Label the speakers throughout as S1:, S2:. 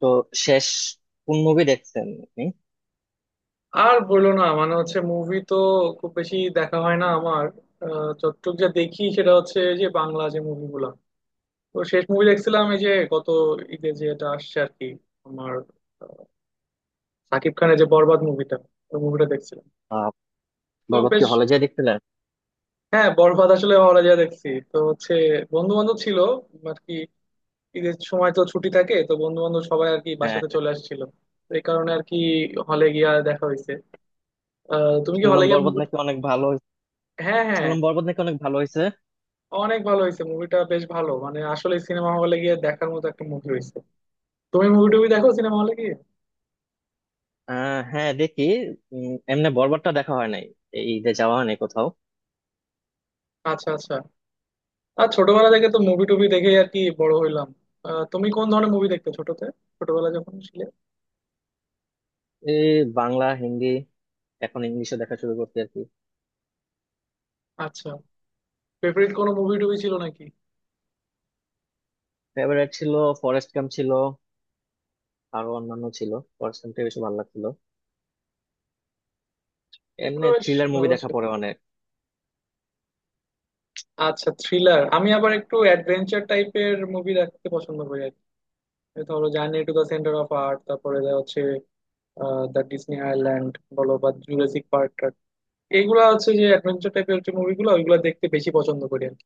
S1: তো শেষ কোন মুভি দেখছেন আপনি?
S2: আর বললো না, মানে হচ্ছে মুভি তো খুব বেশি দেখা হয় না আমার। যতটুক যা দেখি সেটা হচ্ছে যে বাংলা যে মুভিগুলা। তো শেষ মুভি দেখছিলাম এই যে গত ঈদে যে এটা আসছে আর কি, আমার আহ, সাকিব খানের যে বরবাদ মুভিটা, ওই মুভিটা দেখছিলাম।
S1: আহ,
S2: তো
S1: বরবাদ কি
S2: বেশ।
S1: হলে যেয়ে দেখছিলেন?
S2: হ্যাঁ, বরবাদ আসলে হলে যা দেখছি তো হচ্ছে বন্ধু বান্ধব ছিল আর কি, ঈদের সময় তো ছুটি থাকে, তো বন্ধু বান্ধব সবাই আর কি
S1: হ্যাঁ
S2: বাসাতে
S1: হ্যাঁ।
S2: চলে আসছিল। তো এই কারণে আর কি হলে গিয়া দেখা হয়েছে। তুমি কি হলে
S1: শুনলাম
S2: গিয়ে
S1: বরবাদ
S2: মুভি।
S1: নাকি অনেক ভালো হয়েছে।
S2: হ্যাঁ হ্যাঁ,
S1: শুনলাম বরবাদ নাকি অনেক ভালো হয়েছে।
S2: অনেক ভালো হয়েছে, মুভিটা বেশ ভালো মানে আসলে সিনেমা হলে গিয়ে দেখার মতো একটা মুভি হয়েছে। তুমি মুভি টুভি দেখো সিনেমা হলে গিয়ে?
S1: হ্যাঁ, দেখি। এমনি বরবাদটা দেখা হয় নাই। এই ঈদে যাওয়া হয় নাই কোথাও।
S2: আচ্ছা আচ্ছা। আর ছোটবেলা থেকে তো মুভি টুভি দেখে আর কি বড় হইলাম। তুমি কোন ধরনের মুভি দেখতে ছোটতে, ছোটবেলা যখন ছিলে?
S1: এই বাংলা হিন্দি, এখন ইংলিশে দেখা শুরু করতে আর কি।
S2: আচ্ছা। ফেভারিট কোনো মুভি টুভি ছিল নাকি?
S1: ফেভারিট ছিল, ফরেস্ট গাম্প ছিল, আরো অন্যান্য ছিল। ফরেস্ট গাম্পটা বেশি ভালো লাগছিল।
S2: এগুলো
S1: এমনি
S2: বেশ
S1: থ্রিলার মুভি
S2: ভালো
S1: দেখা
S2: ছিল।
S1: পড়ে অনেক।
S2: আচ্ছা, থ্রিলার। আমি আবার একটু অ্যাডভেঞ্চার টাইপের মুভি দেখতে পছন্দ করি আর কি। এই ধরো journey to the centre of earth, তারপরে যা হচ্ছে দ্য ডিসনি আইল্যান্ড বলো বা জুরাসিক পার্ক, এইগুলা হচ্ছে যে অ্যাডভেঞ্চার টাইপের, যে মুভিগুলো ওইগুলো দেখতে বেশি পছন্দ করি আর কি।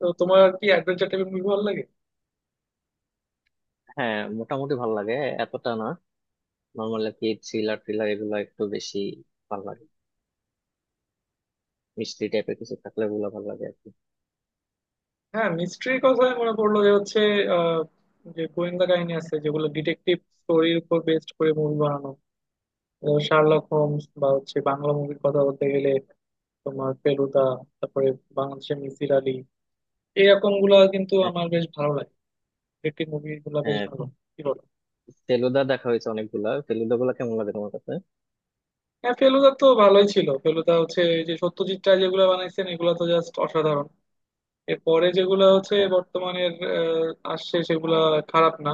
S2: তো তোমার কি অ্যাডভেঞ্চার টাইপের মুভি ভালো লাগে?
S1: হ্যাঁ, মোটামুটি ভালো লাগে, এতটা না। নর্মাল আর কি, থ্রিলার থ্রিলার এগুলো একটু বেশি ভালো লাগে। মিষ্টি টাইপের কিছু থাকলে ওগুলা ভালো লাগে আর কি।
S2: হ্যাঁ, মিস্ট্রির কথা মনে পড়লো যে হচ্ছে আহ, যে গোয়েন্দা কাহিনী আছে যেগুলো ডিটেকটিভ স্টোরির উপর বেস্ড করে মুভি বানানো, শার্লক হোমস বা হচ্ছে বাংলা মুভির কথা বলতে গেলে তোমার ফেলুদা, তারপরে বাংলাদেশের মিসির আলী, এরকম গুলা কিন্তু
S1: হ্যাঁ।
S2: আমার বেশ ভালো লাগে। ডিটেকটিভ মুভি গুলা বেশ
S1: হ্যাঁ,
S2: ভালো, কি বলো?
S1: ফেলুদা দেখা হয়েছে অনেকগুলা, ফেলুদা গুলা কেমন লাগে তোমার কাছে?
S2: হ্যাঁ, ফেলুদা তো ভালোই ছিল। ফেলুদা হচ্ছে এই যে সত্যজিৎ রায় যেগুলো বানাইছেন, এগুলো তো জাস্ট অসাধারণ। এরপরে যেগুলো হচ্ছে
S1: হ্যাঁ,
S2: বর্তমানের আসছে সেগুলা খারাপ না।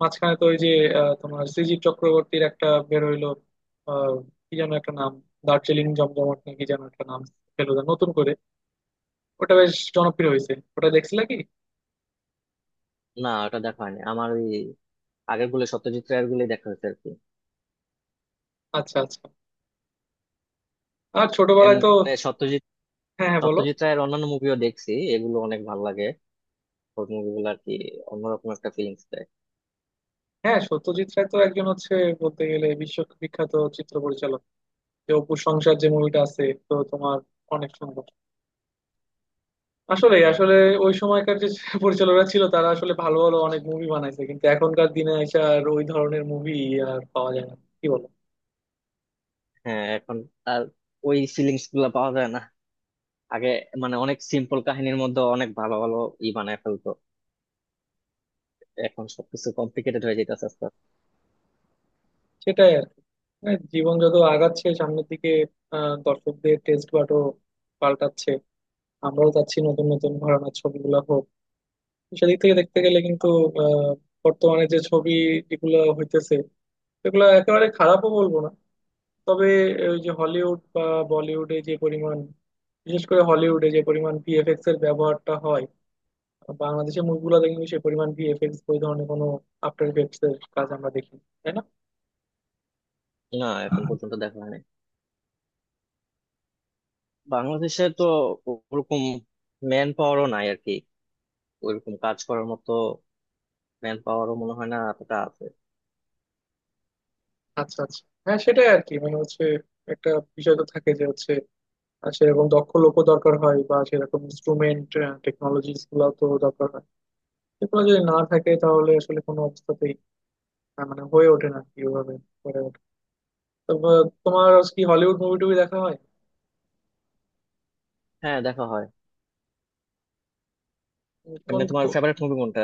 S2: মাঝখানে তো ওই যে তোমার শ্রীজীব চক্রবর্তীর একটা বের হইলো, আহ, কি যেন একটা নাম, দার্জিলিং জমজমাট নাকি যেন একটা নাম, ফেলুদা নতুন করে। ওটা বেশ জনপ্রিয় হয়েছে, ওটা দেখছিলা কি?
S1: না ওটা দেখা হয়নি আমার। ওই আগের গুলো সত্যজিৎ রায়ের গুলোই দেখা হয়েছে আর কি।
S2: আচ্ছা আচ্ছা। আর ছোটবেলায়
S1: এমনি
S2: তো
S1: সত্যজিৎ
S2: হ্যাঁ হ্যাঁ বলো।
S1: সত্যজিৎ রায়ের অন্যান্য মুভিও দেখছি, এগুলো অনেক ভালো লাগে। ওর মুভিগুলো আর কি অন্যরকম একটা ফিলিংস দেয়।
S2: হ্যাঁ, সত্যজিৎ রায় তো একজন হচ্ছে বলতে গেলে বিশ্ববিখ্যাত চিত্র পরিচালক। যে অপু সংসার যে মুভিটা আছে, তো তোমার অনেক সুন্দর। আসলে
S1: হ্যাঁ।
S2: আসলে ওই সময়কার যে পরিচালকরা ছিল তারা আসলে ভালো ভালো অনেক মুভি বানাইছে, কিন্তু এখনকার দিনে এসে আর ওই ধরনের মুভি আর পাওয়া যায় না, কি বলো?
S1: হ্যাঁ, এখন আর ওই ফিলিংস গুলা পাওয়া যায় না। আগে মানে অনেক সিম্পল কাহিনীর মধ্যে অনেক ভালো ভালো ই বানায় ফেলতো, এখন সবকিছু কমপ্লিকেটেড হয়ে যেতেছে আস্তে
S2: সেটাই আর কি। হ্যাঁ, জীবন যত আগাচ্ছে সামনের দিকে, দর্শকদের টেস্ট বাটও পাল্টাচ্ছে। আমরাও চাচ্ছি নতুন নতুন ঘরানার ছবিগুলো হোক। সেদিক থেকে দেখতে গেলে কিন্তু আহ বর্তমানে যে ছবি যেগুলো হইতেছে সেগুলো একেবারে খারাপও বলবো না, তবে ওই যে হলিউড বা বলিউডে যে পরিমাণ, বিশেষ করে হলিউডে যে পরিমাণ ভিএফএক্স এর ব্যবহারটা হয়, বাংলাদেশের মুভিগুলোতে কিন্তু সে পরিমাণ ভিএফএক্স ওই ধরনের কোনো আফটার ইফেক্টস এর কাজ আমরা দেখি, তাই না?
S1: আস্তে। না, এখন পর্যন্ত দেখা হয়নি। বাংলাদেশে তো ওরকম ম্যান পাওয়ারও নাই আর কি, ওরকম কাজ করার মতো ম্যান পাওয়ারও মনে হয় না এতটা আছে।
S2: আচ্ছা আচ্ছা, হ্যাঁ সেটাই আর কি, মানে হচ্ছে একটা বিষয় তো থাকে যে হচ্ছে সেরকম দক্ষ লোকও দরকার হয় বা সেরকম ইনস্ট্রুমেন্ট টেকনোলজিস গুলো তো দরকার হয়। এগুলো যদি না থাকে তাহলে আসলে কোনো অবস্থাতেই মানে হয়ে ওঠে না কি ওভাবে হয়ে ওঠে। তো তোমার কি হলিউড মুভি টুভি দেখা হয়?
S1: হ্যাঁ, দেখা হয়।
S2: কোন
S1: এমনি তোমার ফেভারিট মুভি কোনটা?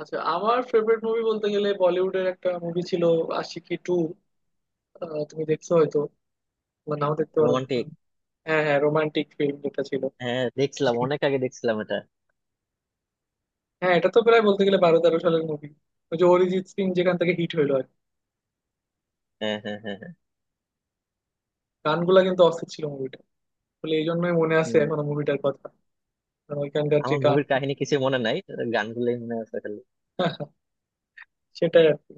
S2: আচ্ছা, আমার ফেভারিট মুভি বলতে গেলে বলিউডের একটা মুভি ছিল, আশিকি টু। তুমি দেখছো হয়তো, বা নাও দেখতে পারো।
S1: রোমান্টিক।
S2: হ্যাঁ হ্যাঁ, রোমান্টিক ফিল্ম যেটা ছিল
S1: হ্যাঁ, দেখছিলাম,
S2: সেটা।
S1: অনেক আগে দেখছিলাম এটা।
S2: হ্যাঁ, এটা তো প্রায় বলতে গেলে বারো তেরো সালের মুভি, ওই যে অরিজিৎ সিং যেখান থেকে হিট হইলো আর কি।
S1: হ্যাঁ হ্যাঁ হ্যাঁ হ্যাঁ।
S2: গানগুলা কিন্তু অস্থির ছিল মুভিটা, বলে এই জন্যই মনে আছে
S1: হুম,
S2: এখনো মুভিটার কথা, কারণ ওইখানকার যে
S1: আমার
S2: গান।
S1: মুভির কাহিনী কিছু মনে নাই, গানগুলোই মনে আছে খালি।
S2: সেটাই আর কি।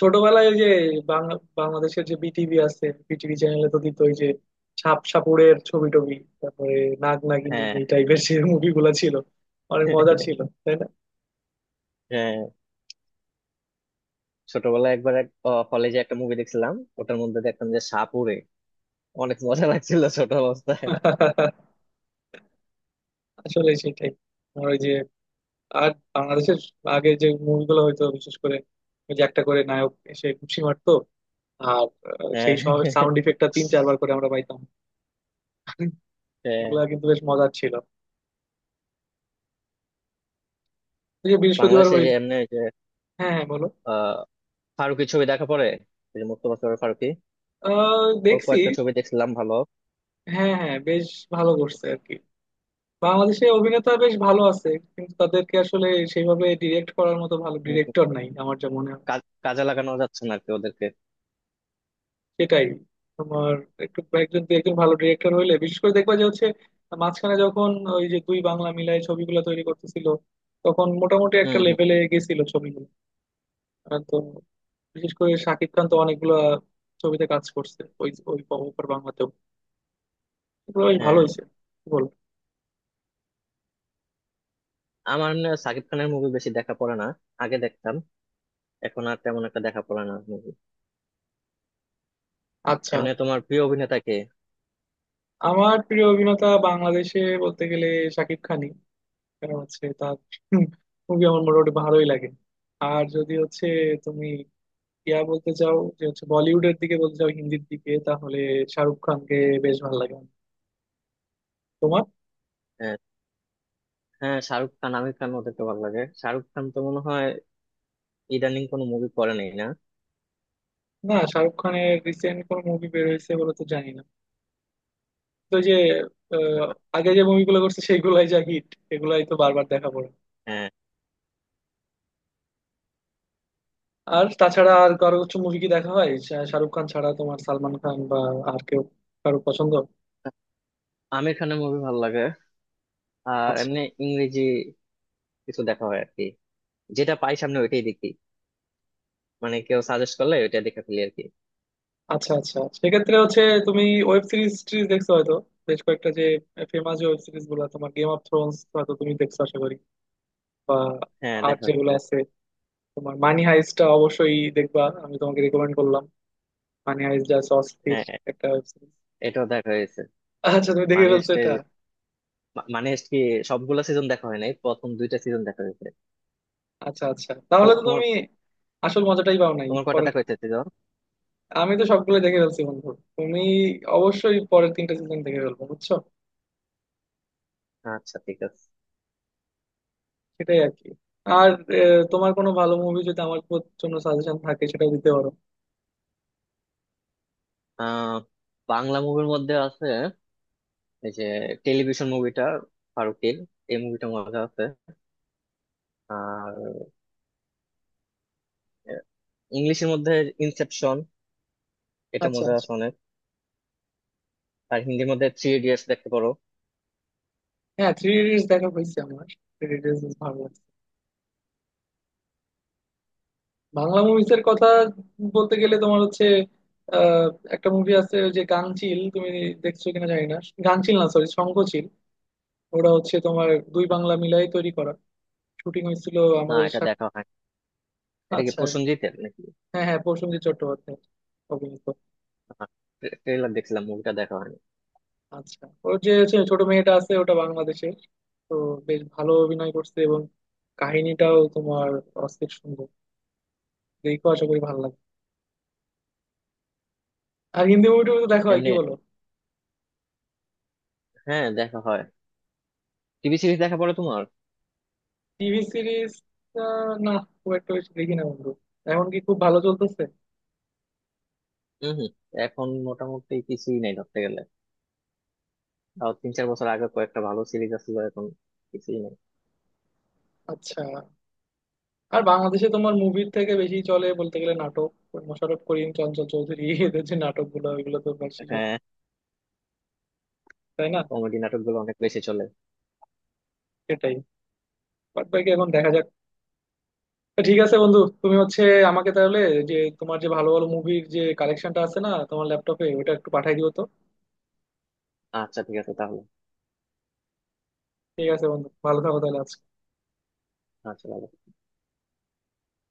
S2: ছোটবেলায় ওই যে বাংলা বাংলাদেশের যে বিটিভি আছে, বিটিভি চ্যানেলে তো দিত ওই যে সাপ সাপুড়ের ছবি টবি, তারপরে নাগ নাগিনী,
S1: হ্যাঁ।
S2: এই টাইপের যে মুভিগুলা ছিল অনেক মজার ছিল, তাই না?
S1: হ্যাঁ। ছোটবেলায় একবার এক কলেজে একটা মুভি দেখছিলাম, ওটার মধ্যে দেখলাম যে সাপ উড়ে, অনেক মজা লাগছিল ছোট অবস্থায়।
S2: আসলে সেটাই। আর ওই যে আর বাংলাদেশের আগে যে মুভিগুলো হইতো, বিশেষ করে ওই যে একটা করে নায়ক এসে ঘুষি মারতো আর
S1: হ্যাঁ
S2: সেই
S1: হ্যাঁ
S2: সাউন্ড ইফেক্টটা তিন চারবার করে আমরা পাইতাম।
S1: হ্যাঁ।
S2: এগুলা কিন্তু বেশ মজার ছিল। এই যে বৃহস্পতিবার
S1: বাংলাদেশে যে
S2: হইল।
S1: এমনি,
S2: হ্যাঁ হ্যাঁ বলো।
S1: যে ফারুকি ছবি দেখা পড়ে, ওই যে মোস্তফা সরোয়ার ফারুকি, ওর
S2: দেখছি।
S1: কয়েকটা ছবি দেখছিলাম, ভালো।
S2: হ্যাঁ হ্যাঁ, বেশ ভালো করছে আর কি। বাংলাদেশে অভিনেতা বেশ ভালো আছে, কিন্তু তাদেরকে আসলে সেইভাবে ডিরেক্ট করার মতো ভালো
S1: উম,
S2: ডিরেক্টর নাই, আমার যা মনে হয়।
S1: কাজে লাগানো যাচ্ছে না আর কি ওদেরকে।
S2: সেটাই। তোমার একটু একজন দু একজন ভালো ডিরেক্টর হইলে বিশেষ করে দেখবা যে হচ্ছে মাঝখানে যখন ওই যে দুই বাংলা মিলায় ছবিগুলো তৈরি করতেছিল তখন মোটামুটি একটা
S1: হম হম।
S2: লেভেলে গেছিল ছবিগুলো। আর তো বিশেষ করে শাকিব খান তো অনেকগুলা ছবিতে কাজ করছে, ওই ওই ওপার বাংলাতেও। এগুলো বেশ ভালো
S1: হ্যাঁ।
S2: হয়েছে, কি বল?
S1: আমার না সাকিব খানের মুভি বেশি দেখা পড়ে না। আগে দেখতাম, এখন আর তেমন একটা দেখা পড়ে না মুভি।
S2: আচ্ছা,
S1: এমনি তোমার প্রিয় অভিনেতা কে?
S2: আমার প্রিয় অভিনেতা বাংলাদেশে বলতে গেলে শাকিব খানই। কারণ হচ্ছে তার মুভি আমার মোটামুটি ভালোই লাগে। আর যদি হচ্ছে তুমি বলতে চাও যে হচ্ছে বলিউডের দিকে, বলতে চাও হিন্দির দিকে, তাহলে শাহরুখ খানকে বেশ ভালো লাগে আমার। তোমার?
S1: আহ, হ্যাঁ, শাহরুখ খান, আমির খান, ওদেরকে ভালো লাগে। শাহরুখ খান তো মনে হয় ইদানিং কোনো মুভি করে নেই না।
S2: না, শাহরুখ খানের রিসেন্ট কোন মুভি বের হয়েছে বলে তো জানি না। তো যে আহ,
S1: না,
S2: আগে যে মুভিগুলো করছে সেগুলাই যা হিট, এগুলাই তো বারবার দেখা পড়ে।
S1: হ্যাঁ
S2: আর তাছাড়া আর কারো কিছু মুভি কি দেখা হয়, শাহরুখ খান ছাড়া তোমার সালমান খান বা আর কেউ, কারো পছন্দ?
S1: আমির খানের মুভি ভালো লাগে। আর
S2: আচ্ছা
S1: এমনি ইংরেজি কিছু দেখা হয় আর কি, যেটা পাই সামনে ওইটাই দেখি, মানে কেউ সাজেস্ট করলে ওইটা দেখে ফেলি আর কি।
S2: আচ্ছা আচ্ছা। সেক্ষেত্রে হচ্ছে তুমি ওয়েব সিরিজ টিরিজ দেখছো হয়তো। বেশ কয়েকটা যে ফেমাস ওয়েব সিরিজ গুলো, তোমার গেম অফ থ্রোনস হয়তো তুমি দেখছো আশা করি। বা
S1: হ্যাঁ,
S2: আর
S1: দেখা
S2: যেগুলো
S1: হচ্ছে।
S2: আছে তোমার মানি হাইস্টটা অবশ্যই দেখবা, আমি তোমাকে রেকমেন্ড করলাম। মানি হাইস্ট যা আছে অস্থির,
S1: হ্যাঁ,
S2: একটা ওয়েব সিরিজ।
S1: এটাও দেখা হয়েছে।
S2: আচ্ছা, তুমি দেখে
S1: মানি
S2: ফেলছো
S1: হাইস্টের,
S2: এটা?
S1: মানি হাইস্ট কি সবগুলো সিজন দেখা হয় নাই, প্রথম দুইটা সিজন দেখা হয়েছে।
S2: আচ্ছা আচ্ছা,
S1: তো
S2: তাহলে তো
S1: তোমার
S2: তুমি আসল মজাটাই পাও নাই
S1: তোমার কয়টা
S2: পরে।
S1: দেখা হয়েছে সিজন?
S2: আমি তো সবগুলো দেখে ফেলছি বন্ধু। তুমি অবশ্যই পরের তিনটা সিজন দেখে ফেলবো বুঝছো।
S1: আচ্ছা, ঠিক আছে।
S2: সেটাই আর কি। আর তোমার কোনো ভালো মুভি যদি আমার জন্য সাজেশন থাকে সেটাও দিতে পারো।
S1: আহ বাংলা মুভির মধ্যে আছে এই যে টেলিভিশন মুভিটা, ফারুকের, এই মুভিটা মজা আছে। আর ইংলিশের মধ্যে ইনসেপশন, এটা
S2: আচ্ছা
S1: মজা
S2: আচ্ছা।
S1: আছে অনেক। আর হিন্দির মধ্যে থ্রি ইডিয়টস দেখতে পারো।
S2: হ্যাঁ, থ্রি ইডিয়টস দেখা হয়েছে আমার, থ্রি ইডিয়টস ভালো লাগছে। বাংলা মুভিজের কথা বলতে গেলে তোমার হচ্ছে আহ, একটা মুভি আছে ওই যে গাঙচিল, তুমি দেখছো কিনা জানি না। গাঙচিল না, সরি শঙ্খচিল। ওটা হচ্ছে তোমার দুই বাংলা মিলাই তৈরি করা, শুটিং হয়েছিল
S1: না,
S2: আমাদের
S1: এটা
S2: সাথে।
S1: দেখা হয়। এটা কি
S2: আচ্ছা,
S1: প্রসেনজিতের নাকি?
S2: হ্যাঁ হ্যাঁ, প্রসেনজিৎ চট্টোপাধ্যায় অভিনীত।
S1: ট্রেলার দেখছিলাম, মুভিটা দেখা হয়নি।
S2: আচ্ছা, ওর যে হচ্ছে ছোট মেয়েটা আছে ওটা বাংলাদেশের, তো বেশ ভালো অভিনয় করছে এবং কাহিনীটাও তোমার অস্থির সুন্দর। দেখো আশা করি ভালো লাগে। আর হিন্দি মুভি টুভি তো দেখা হয়, কি
S1: এমনি
S2: বলো?
S1: হ্যাঁ, দেখা হয়। টিভি সিরিজ দেখা পড়ে তোমার?
S2: TV series? না, খুব একটা বেশি দেখি না বন্ধু। এখন কি খুব ভালো চলতেছে?
S1: হম হম। এখন মোটামুটি কিছুই নাই ধরতে গেলে। তাও 3-4 বছর আগে কয়েকটা ভালো সিরিজ আছে, এখন কিছুই নাই।
S2: আচ্ছা। আর বাংলাদেশে তোমার মুভির থেকে বেশি চলে বলতে গেলে নাটক, ওই মোশাররফ করিম, চঞ্চল চৌধুরী, এদের যে নাটক গুলো ওইগুলো তো বেশি চলে,
S1: হ্যাঁ।
S2: তাই না?
S1: কমেডি নাটকগুলো অনেক বেশি চলে।
S2: সেটাই। বাট বাকি এখন দেখা যাক। তো ঠিক আছে বন্ধু, তুমি হচ্ছে আমাকে তাহলে যে তোমার যে ভালো ভালো মুভির যে কালেকশনটা আছে না তোমার ল্যাপটপে, ওটা একটু পাঠাই দিও তো।
S1: আচ্ছা, ঠিক আছে তাহলে।
S2: ঠিক আছে বন্ধু, ভালো থাকো তাহলে আজকে।
S1: আচ্ছা, bye-bye।